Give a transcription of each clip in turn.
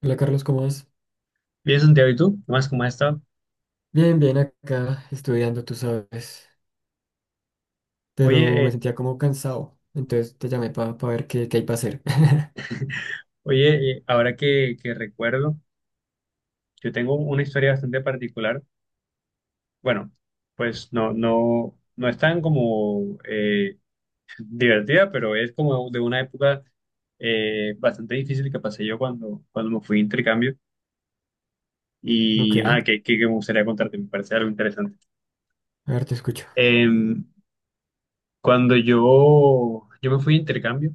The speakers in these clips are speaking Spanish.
Hola Carlos, ¿cómo vas? Bien, Santiago, ¿y tú? ¿Qué más? ¿Cómo has estado? Bien, bien acá estudiando, tú sabes, pero Oye, eh, me sentía como cansado, entonces te llamé para ver qué hay para hacer. oye, ahora que recuerdo, yo tengo una historia bastante particular. Bueno, pues no es tan como divertida, pero es como de una época bastante difícil que pasé yo cuando me fui de intercambio Ok, y ajá, que me gustaría contarte, me parece algo interesante. a ver, te escucho. Em, cuando yo me fui de intercambio,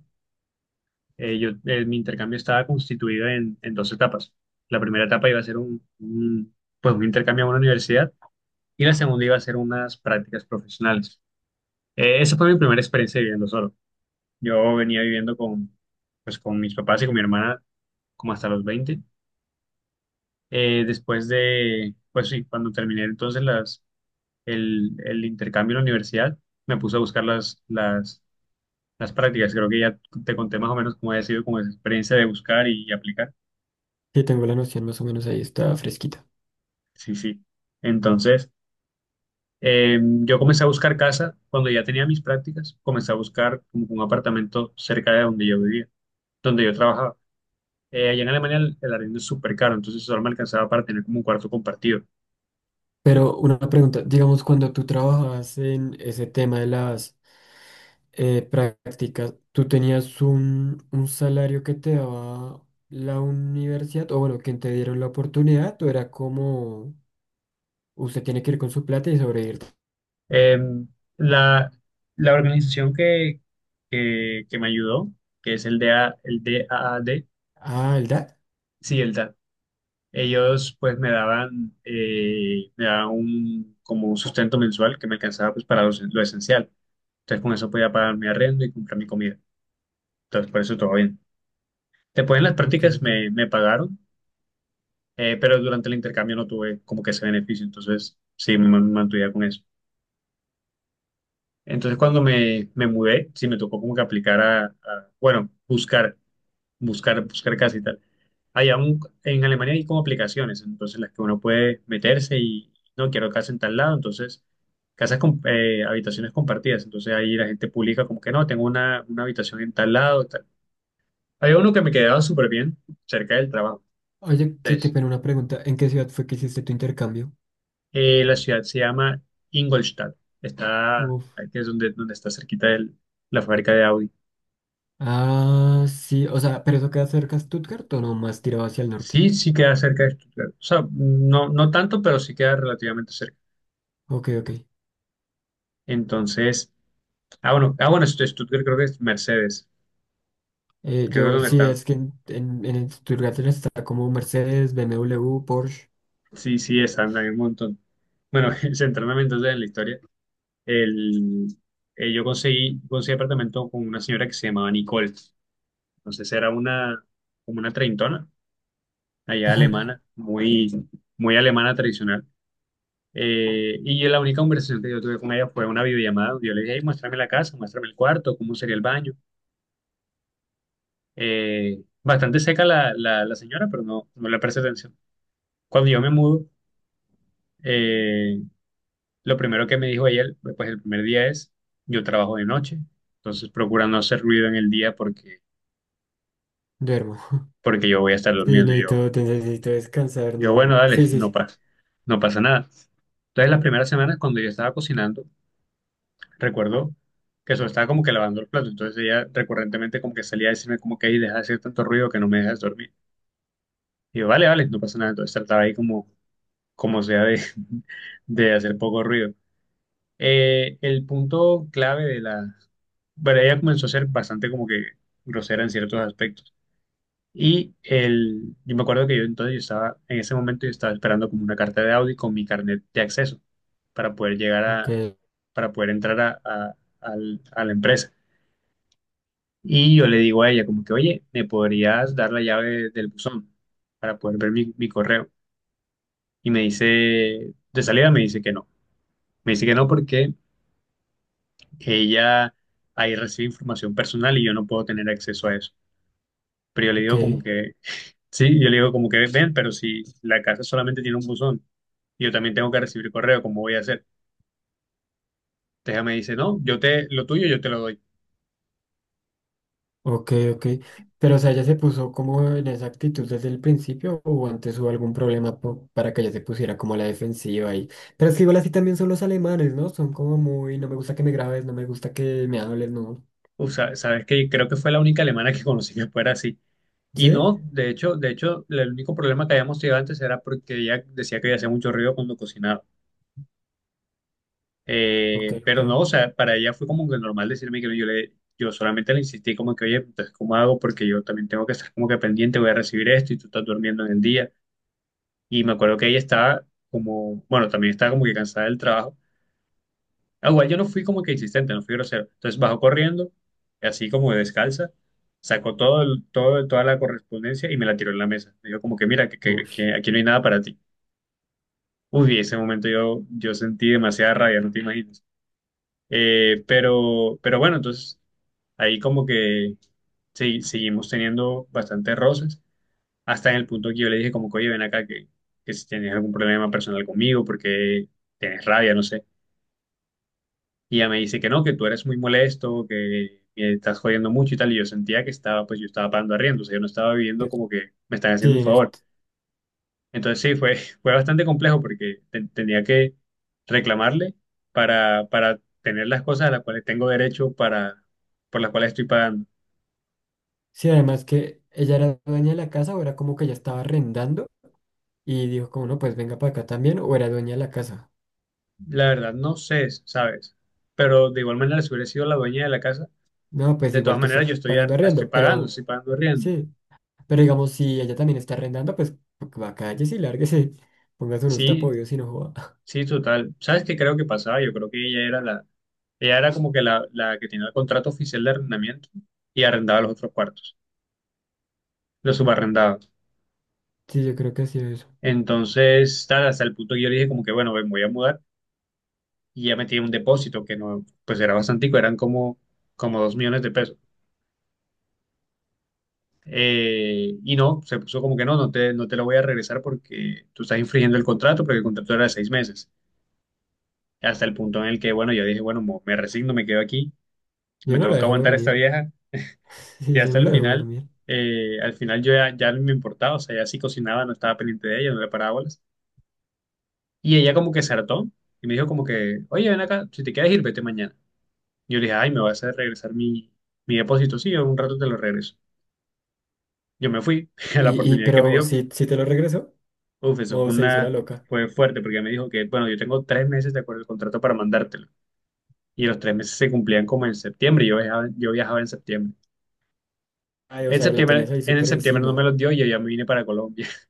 mi intercambio estaba constituido en dos etapas. La primera etapa iba a ser pues un intercambio a una universidad y la segunda iba a ser unas prácticas profesionales. Esa fue mi primera experiencia viviendo solo. Yo venía viviendo con mis papás y con mi hermana como hasta los 20. Después de, pues sí, cuando terminé entonces el intercambio en la universidad, me puse a buscar las prácticas. Creo que ya te conté más o menos cómo había sido como esa experiencia de buscar y aplicar. Sí, tengo la noción más o menos ahí, está fresquita. Sí, sí. Entonces, eh, yo comencé a buscar casa cuando ya tenía mis prácticas, comencé a buscar como un apartamento cerca de donde yo vivía, donde yo trabajaba. Allá en Alemania el arriendo es súper caro, entonces solo me alcanzaba para tener como un cuarto compartido. Pero una pregunta, digamos, cuando tú trabajabas en ese tema de las prácticas, ¿tú tenías un salario que te daba la universidad? O bueno, quien te dieron la oportunidad, o era como usted tiene que ir con su plata y sobrevivir. Eh, la, la organización que me ayudó, que es el D A D. Ah, el DAT. sí, el Ellos pues me daban, como un sustento mensual que me alcanzaba pues para lo esencial. Entonces con eso podía pagar mi arriendo y comprar mi comida. Entonces por eso todo bien. Después en las Ok, prácticas ok. me pagaron, pero durante el intercambio no tuve como que ese beneficio. Entonces sí, me mantuve con eso. Entonces cuando me mudé, sí me tocó como que aplicar bueno, buscar casa y tal. Hay aún, en Alemania hay como aplicaciones, entonces las que uno puede meterse y no quiero casa en tal lado, entonces casas con habitaciones compartidas, entonces ahí la gente publica como que no, tengo una habitación en tal lado, tal. Había uno que me quedaba súper bien cerca del trabajo. Oye, que te Entonces, pena una pregunta. ¿En qué ciudad fue que hiciste tu intercambio? La ciudad se llama Ingolstadt, está, Uf. que es donde, donde está cerquita de la fábrica de Audi. Ah, sí, o sea, ¿pero eso queda cerca de Stuttgart o no más tirado hacia el norte? Sí, sí queda cerca de Stuttgart, o sea, no, no tanto, pero sí queda relativamente cerca. Ok, ok. Entonces... Ah, bueno, Stuttgart creo que es Mercedes. Creo que es Yo, donde sí, están. es que en Stuttgart está como Mercedes, BMW, Porsche. Sí, sí, están, hay un montón. Bueno, centrándome entonces en la historia, el, yo conseguí apartamento con una señora que se llamaba Nicole. Entonces era como una treintona, allá alemana, muy, muy alemana tradicional. Y la única conversación que yo tuve con ella fue una videollamada. Yo le dije: "Ey, muéstrame la casa, muéstrame el cuarto, cómo sería el baño". Bastante seca la señora, pero no le presté atención. Cuando yo me mudo, eh, lo primero que me dijo ella, pues el primer día, es: yo trabajo de noche, entonces procura no hacer ruido en el día porque, Duermo. porque yo voy a estar Sí, durmiendo. Y yo, necesito, necesito descansar, yo, bueno, ¿no? dale, Sí, sí, sí. No pasa nada. Entonces las primeras semanas cuando yo estaba cocinando, recuerdo que solo estaba como que lavando el plato, entonces ella recurrentemente como que salía a decirme como que: "Ahí deja de hacer tanto ruido, que no me dejas dormir". Y yo, vale, vale, no pasa nada. Entonces trataba ahí como sea de hacer poco ruido. El punto clave de la... Bueno, ella comenzó a ser bastante como que grosera en ciertos aspectos. Y yo me acuerdo que yo entonces yo estaba, en ese momento yo estaba esperando como una carta de Audi con mi carnet de acceso para poder llegar Ok, a, para poder entrar a la empresa. Y yo le digo a ella como que: "Oye, ¿me podrías dar la llave del buzón para poder ver mi correo?". Y me dice, de salida me dice que no. Me dice que no porque ella ahí recibe información personal y yo no puedo tener acceso a eso. Pero yo le ok, digo como que, sí, yo le digo como que ven, pero si la casa solamente tiene un buzón, yo también tengo que recibir correo, ¿cómo voy a hacer? Entonces ella me dice: no, lo tuyo yo te lo doy. ok, ok. Pero, o sea, ¿ella se puso como en esa actitud desde el principio o antes hubo algún problema para que ella se pusiera como a la defensiva ahí? Pero es que igual así también son los alemanes, ¿no? Son como muy, no me gusta que me grabes, no me gusta que me hables, ¿no? O sea, sabes que creo que fue la única alemana que conocí que fuera así. Y ¿Sí? no, de hecho, el único problema que habíamos tenido antes era porque ella decía que ella hacía mucho ruido cuando cocinaba. Ok, ok. Pero no, o sea, para ella fue como que normal decirme que no, yo solamente le insistí como que: "Oye, entonces, ¿cómo hago? Porque yo también tengo que estar como que pendiente, voy a recibir esto y tú estás durmiendo en el día". Y me acuerdo que ella estaba como, bueno, también estaba como que cansada del trabajo. Ah, igual yo no fui como que insistente, no fui grosero. Entonces bajó corriendo, así como descalza, sacó toda la correspondencia y me la tiró en la mesa. Me dijo como que: "Mira, que, que- Uy. que aquí no hay nada para ti". Uy, ese momento yo sentí demasiada rabia, no te imaginas. Pero bueno, entonces ahí como que seguimos teniendo bastantes roces, hasta en el punto que yo le dije como que: "Oye, ven acá, que si tienes algún problema personal conmigo, porque tienes rabia, no sé". Y ella me dice que no, que tú eres muy molesto, que me estás jodiendo mucho y tal, y yo sentía que pues yo estaba pagando arriendo, o sea, yo no estaba viviendo como que me están haciendo un Sí, favor. Entonces sí, fue bastante complejo porque tenía que reclamarle para tener las cosas a las cuales tengo derecho por las cuales estoy pagando. sí, además que ella era dueña de la casa o era como que ella estaba arrendando y dijo como no, pues venga para acá también o era dueña de la casa. La verdad, no sé, ¿sabes? Pero de igual manera, si hubiera sido la dueña de la casa, No, pues de igual todas tú maneras estás yo estoy, pagando estoy arriendo, pero estoy pagando riendo. sí, pero digamos si ella también está arrendando, pues va cállese y lárguese, póngase unos Sí, tapoyos y no joda. sí, total. ¿Sabes qué creo que pasaba? Yo creo que ella era como que la que tenía el contrato oficial de arrendamiento y arrendaba los otros cuartos, los subarrendaba. Sí, yo creo que así es. Entonces, tal, hasta el punto que yo le dije como que: "Bueno, me voy a mudar", y ya metí un depósito que no, pues era bastante, eran como 2 millones de pesos. Y no, se puso como que no, no te lo voy a regresar porque tú estás infringiendo el contrato, porque el contrato era de 6 meses. Hasta el punto en el que, bueno, yo dije: "Bueno, me resigno, me quedo aquí, me Yo no la tengo que dejo aguantar a esta dormir. vieja". Y Sí, yo hasta no el la dejo final, dormir. Al final yo ya no me importaba, o sea, ya sí cocinaba, no estaba pendiente de ella, no le paraba bolas. Y ella como que se hartó y me dijo como que: "Oye, ven acá, si te quieres ir, vete mañana". Yo le dije: "Ay, me vas a regresar mi depósito". Sí, en un rato te lo regreso. Yo me fui. A la Y oportunidad que me pero dio, si si te lo regresó uf, eso o se hizo la loca. fue fuerte, porque me dijo que, bueno, yo tengo 3 meses de acuerdo al contrato para mandártelo. Y los 3 meses se cumplían como en septiembre. Y yo viajaba en septiembre. Ay, o En sea, la tenías septiembre, ahí en el súper septiembre no me encima. los dio y yo ya me vine para Colombia.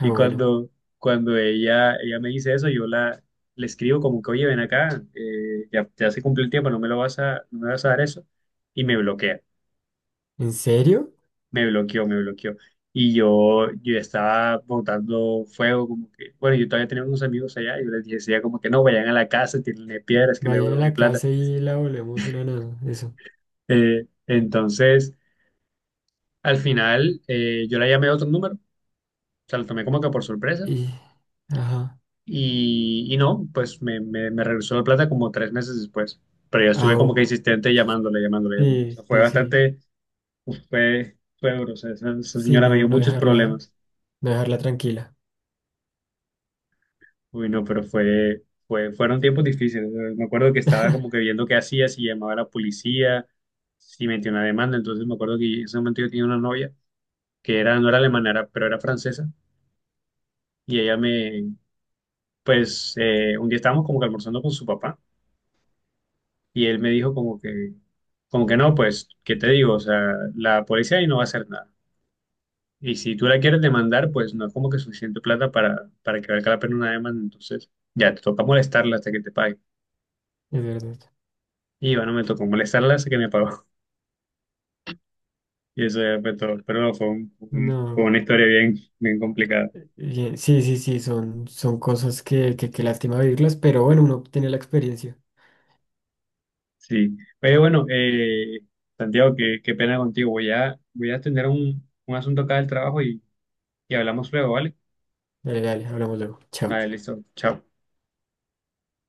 Ah, Y bueno. cuando, cuando ella me dice eso, le escribo como que: "Oye, ven acá, ya se cumplió el tiempo, no me lo vas a, no me vas a dar eso". Y me bloquea. ¿En serio? Me bloqueó, me bloqueó. Y yo estaba botando fuego, como que, bueno, yo todavía tenía unos amigos allá, y yo les decía como que no, vayan a la casa, tienen piedras, que me Vayan a devuelvo mi la plata. casa y la volvemos una nada. Eso. Entonces, al final, yo la llamé a otro número, o sea, lo tomé como que por sorpresa, Y, ajá. y no, pues me regresó la plata como 3 meses después. Pero yo estuve Ah, como o-, que insistente llamándole, llamándole, llamándole. O sea, sí, fue sí, sí. bastante, uf, fue duro, o sea, esa Sí, señora me no, dio no muchos dejarla, problemas. no dejarla tranquila. Uy, no, pero fueron tiempos difíciles. Me acuerdo que estaba como que viendo qué hacía, si llamaba a la policía, si metía una demanda. Entonces me acuerdo que en ese momento yo tenía una novia que no era alemana, pero era francesa. Y ella me, pues, un día estábamos como que almorzando con su papá y él me dijo como que, no, pues, "¿qué te digo? O sea, la policía ahí no va a hacer nada. Y si tú la quieres demandar, pues no es como que suficiente plata para que valga la pena una demanda. Entonces ya te toca molestarla hasta que te pague". Es verdad. Y bueno, me tocó molestarla hasta que me pagó. Y eso ya fue todo. Pero no, fue No, una historia bien, bien complicada. bien. Sí, sí, sí, son, son cosas que lástima vivirlas, pero bueno, uno tiene la experiencia. Sí. Pero bueno, Santiago, qué pena contigo. Voy a atender un asunto acá del trabajo y hablamos luego, ¿vale? Dale, dale, hablamos luego. Chao. Vale, listo. Chao.